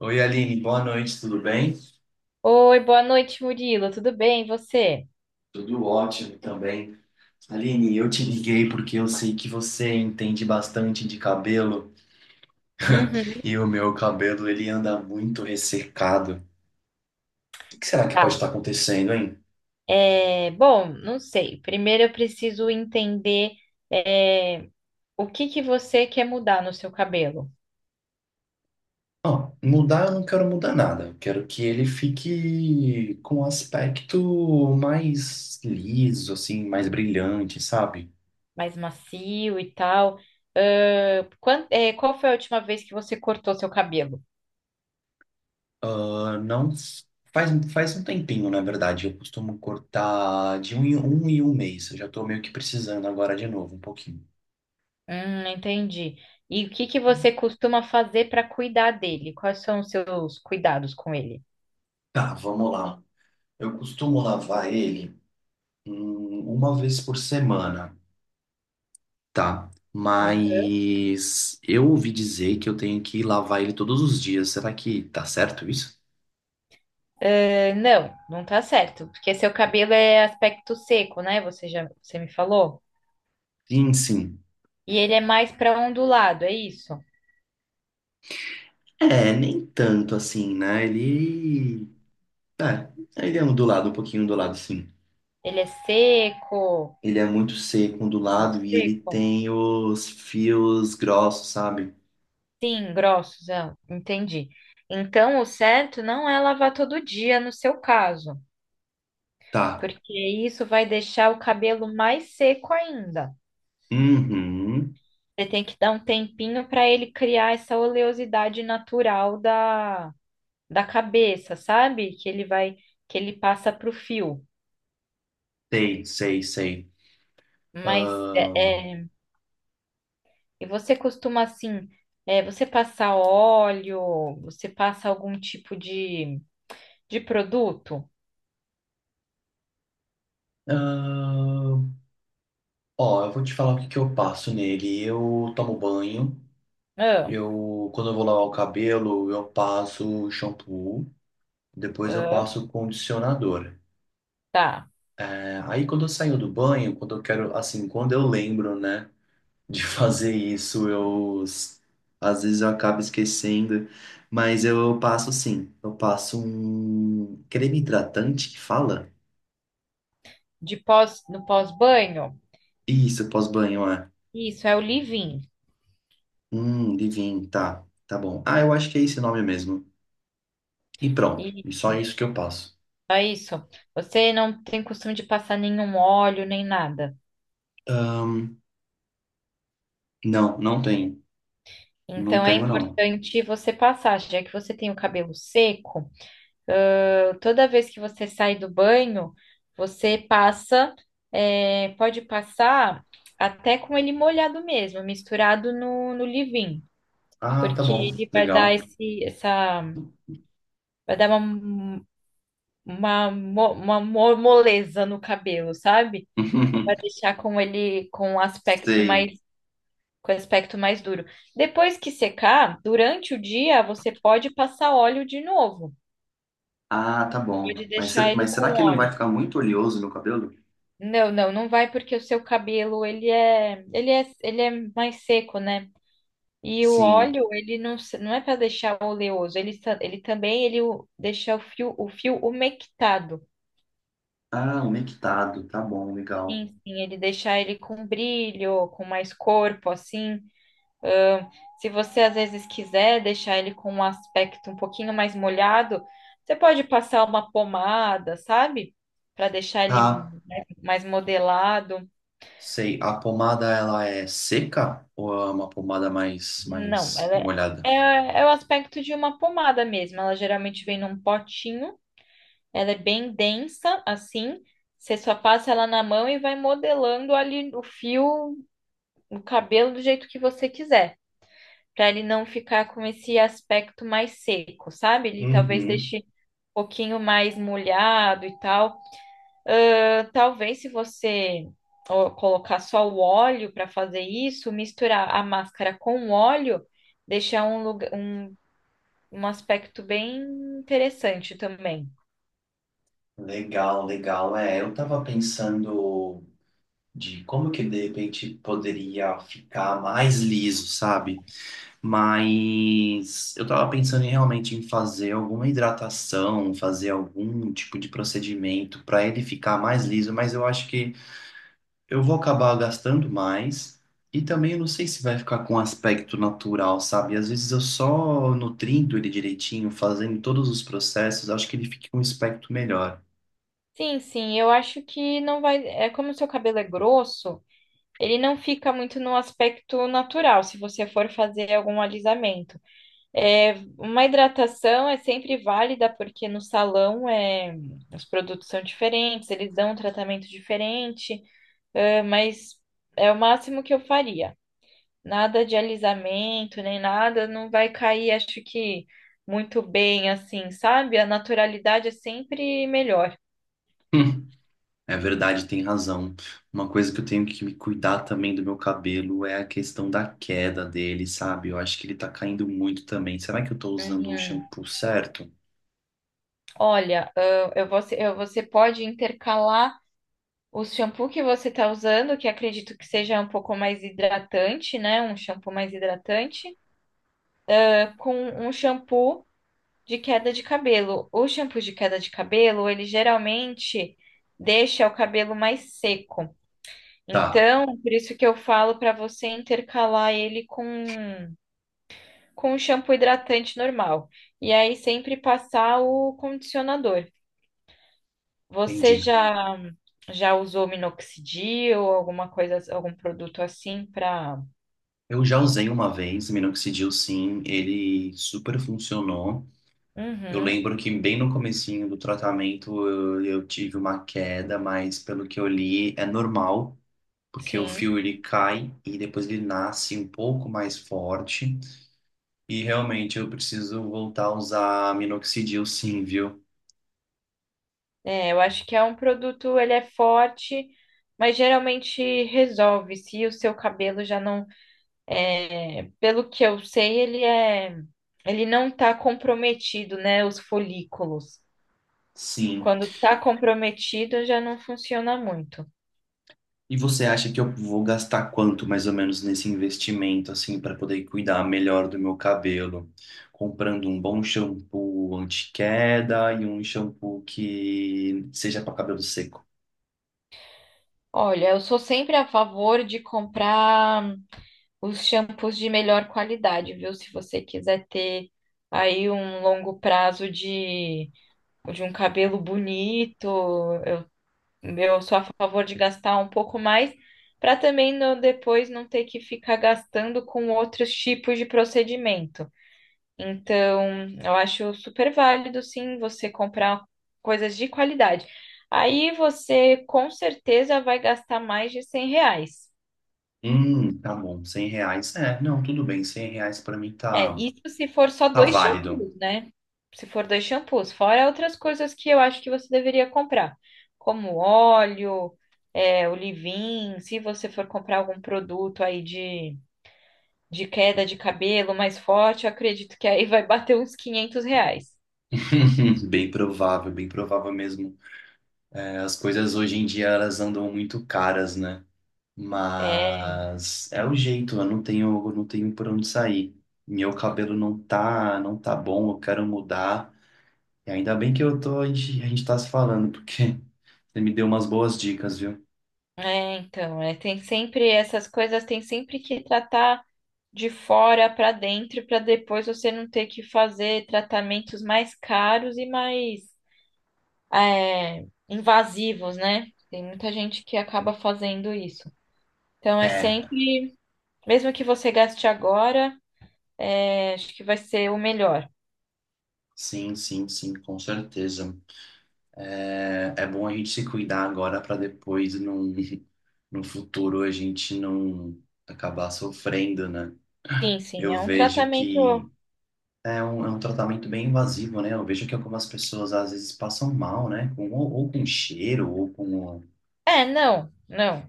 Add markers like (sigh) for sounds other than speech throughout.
Oi, Aline, boa noite, tudo bem? Oi, boa noite, Murilo. Tudo bem? E você? Tudo ótimo também. Aline, eu te liguei porque eu sei que você entende bastante de cabelo Uhum, e o meu cabelo ele anda muito ressecado. O que será que pode estar tá. acontecendo, hein? Bom, não sei. Primeiro eu preciso entender é, o que que você quer mudar no seu cabelo, Ó, mudar eu não quero mudar nada. Eu quero que ele fique com um aspecto mais liso, assim, mais brilhante, sabe? mais macio e tal. Qual foi a última vez que você cortou seu cabelo? Ah, não faz um tempinho, na verdade. Eu costumo cortar de um em um, em um mês. Eu já tô meio que precisando agora de novo, um pouquinho. Entendi. E o que que você costuma fazer para cuidar dele? Quais são os seus cuidados com ele? Tá, vamos lá. Eu costumo lavar ele uma vez por semana. Tá, mas eu ouvi dizer que eu tenho que lavar ele todos os dias. Será que tá certo isso? Ah, não, não tá certo, porque seu cabelo é aspecto seco, né? Você me falou. Sim, sim. E ele é mais para ondulado, é isso? É, nem tanto assim, né? Ele. É, ele é ondulado, um pouquinho ondulado, sim. Ele é seco, Ele é muito seco, muito ondulado e ele seco. tem os fios grossos, sabe? Sim, grossos, ah, entendi. Então, o certo não é lavar todo dia no seu caso, Tá. porque isso vai deixar o cabelo mais seco ainda. Uhum. Você tem que dar um tempinho para ele criar essa oleosidade natural da cabeça, sabe? Que ele passa pro fio. Sei, sei, sei. Mas Ahn, e você costuma assim, você passa óleo, você passa algum tipo de produto? ahn. Ó, eu vou te falar o que que eu passo nele. Eu tomo banho. Ah, Eu, quando eu vou lavar o cabelo, eu passo shampoo. Depois eu ah, passo condicionador. tá. É, aí quando eu saio do banho, quando eu quero, assim, quando eu lembro, né? De fazer isso. Às vezes eu acabo esquecendo, mas eu passo sim. Eu passo um creme hidratante, que fala? De pós, no pós-banho? Isso, pós-banho, é. Isso, é o leave-in. Divino, tá. Tá bom. Ah, eu acho que é esse nome mesmo. E pronto. E- E só isso que eu passo. É isso. Você não tem costume de passar nenhum óleo nem nada. Não, não tenho. Não Então é tenho, não. importante você passar, já que você tem o cabelo seco. Ah, toda vez que você sai do banho, você passa, pode passar até com ele molhado mesmo, misturado no leave-in, Ah, tá porque bom. ele vai dar Legal. Vai dar uma moleza no cabelo, sabe? Vai (laughs) deixar Sei. Com aspecto mais duro. Depois que secar, durante o dia, você pode passar óleo de novo. Ah, tá bom. Pode Mas, deixar ser- ele mas será com que não vai óleo. ficar muito oleoso meu cabelo? Não, não, não vai porque o seu cabelo ele é mais seco, né? E o Sim. óleo ele não, não é para deixar oleoso, ele, ele também ele deixa o fio umectado. Ah, umectado. Tá bom, legal. Sim, sim, ele deixa ele com brilho, com mais corpo, assim. Ahn, se você às vezes quiser deixar ele com um aspecto um pouquinho mais molhado, você pode passar uma pomada, sabe? Para deixar ele Tá. Mais modelado. Sei, a pomada ela é seca ou é uma pomada mais Não, mais molhada? É o aspecto de uma pomada mesmo. Ela geralmente vem num potinho, ela é bem densa, assim. Você só passa ela na mão e vai modelando ali o fio, o cabelo do jeito que você quiser, para ele não ficar com esse aspecto mais seco, sabe? Ele talvez Uhum. deixe um pouquinho mais molhado e tal. Ah, talvez se você ó, colocar só o óleo para fazer isso, misturar a máscara com o óleo deixar um lugar, um aspecto bem interessante também. Legal, legal. É, eu tava pensando de como que de repente poderia ficar mais liso, sabe? Mas eu tava pensando em, realmente em fazer alguma hidratação, fazer algum tipo de procedimento para ele ficar mais liso, mas eu acho que eu vou acabar gastando mais e também eu não sei se vai ficar com um aspecto natural, sabe? Às vezes eu só nutrindo ele direitinho, fazendo todos os processos, acho que ele fica com um aspecto melhor. (laughs) Sim, sim, eu acho que não vai. É como o seu cabelo é grosso, ele não fica muito no aspecto natural, se você for fazer algum alisamento. É, uma hidratação é sempre válida, porque no salão os produtos são diferentes, eles dão um tratamento diferente, mas é o máximo que eu faria. Nada de alisamento, nem nada, não vai cair, acho que muito bem assim, sabe? A naturalidade é sempre melhor. Hum, É verdade, tem razão. Uma coisa que eu tenho que me cuidar também do meu cabelo é a questão da queda dele, sabe? Eu acho que ele tá caindo muito também. Será que eu tô usando o Uhum. shampoo certo? Olha, você pode intercalar o shampoo que você está usando, que acredito que seja um pouco mais hidratante, né? Um shampoo mais hidratante, ah, com um shampoo de queda de cabelo. O shampoo de queda de cabelo, ele geralmente deixa o cabelo mais seco. Tá, Então, por isso que eu falo para você intercalar ele com o shampoo hidratante normal. E aí sempre passar o condicionador. Você entendi. Já usou minoxidil ou alguma coisa, algum produto assim para? Eu já usei uma vez, minoxidil sim, ele super funcionou. Eu Uhum, lembro que bem no comecinho do tratamento eu tive uma queda, mas pelo que eu li é normal, porque o sim. fio ele cai e depois ele nasce um pouco mais forte. E realmente eu preciso voltar a usar minoxidil sim, viu? É, eu acho que é um produto, ele é forte, mas geralmente resolve se o seu cabelo já não, pelo que eu sei, ele não tá comprometido, né, os folículos. Sim. Quando tá comprometido, já não funciona muito. E você acha que eu vou gastar quanto mais ou menos nesse investimento assim para poder cuidar melhor do meu cabelo? Comprando um bom shampoo anti-queda e um shampoo que seja para cabelo seco. Olha, eu sou sempre a favor de comprar os shampoos de melhor qualidade, viu? Se você quiser ter aí um longo prazo de um cabelo bonito, eu sou a favor de gastar um pouco mais, para também depois não ter que ficar gastando com outros tipos de procedimento. Então, eu acho super válido, sim, você comprar coisas de qualidade. Aí você com certeza vai gastar mais de R$ 100. Tá bom, 100 reais. É, não, tudo bem, 100 reais pra mim É, tá, isso se for só tá dois válido. shampoos, né? Se for dois shampoos, fora outras coisas que eu acho que você deveria comprar, como óleo, é, o leave-in, se você for comprar algum produto aí de queda de cabelo mais forte, eu acredito que aí vai bater uns R$ 500. (laughs) Bem provável mesmo. É, as coisas hoje em dia elas andam muito caras, né? É, Mas é o jeito, eu não tenho por onde sair. Meu cabelo não tá bom, eu quero mudar. E ainda bem que eu tô, a gente tá se falando, porque (laughs) você me deu umas boas dicas, viu? É, então, tem sempre essas coisas, tem sempre que tratar de fora para dentro para depois você não ter que fazer tratamentos mais caros e mais invasivos, né? Tem muita gente que acaba fazendo isso. Então é É, sempre, mesmo que você gaste agora, acho que vai ser o melhor. sim, sim, sim, com certeza. É é bom a gente se cuidar agora para depois não, (laughs) no futuro a gente não acabar sofrendo, né? Sim, sim, Eu é um vejo tratamento. que é um tratamento bem invasivo, né? Eu vejo que algumas pessoas às vezes passam mal, né? Com, ou com cheiro, ou com. É, não, não.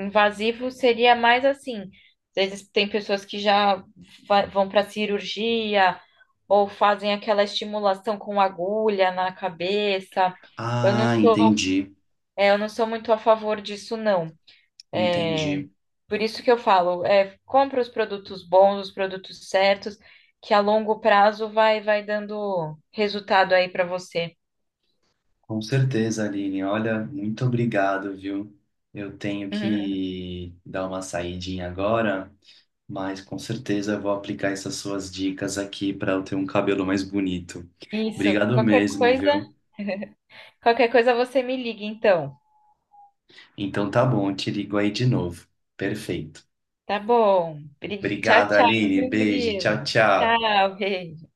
Invasivo seria mais assim. Às vezes tem pessoas que já vão para cirurgia ou fazem aquela estimulação com agulha na cabeça. Eu não Ah, sou, entendi, eu não sou muito a favor disso, não. É, entendi. por isso que eu falo, é, compra os produtos bons, os produtos certos, que a longo prazo vai dando resultado aí para você. Com certeza, Aline. Olha, muito obrigado, viu? Eu tenho (laughs) que dar uma saidinha agora, mas com certeza eu vou aplicar essas suas dicas aqui para eu ter um cabelo mais bonito. Isso, Obrigado mesmo, viu? qualquer coisa você me liga, então. Então tá bom, eu te ligo aí de novo. Perfeito. Tá bom. Tchau, Obrigado, tchau, Aline. viu, Beijo. Tchau, Murilo? tchau. Tchau, Rei.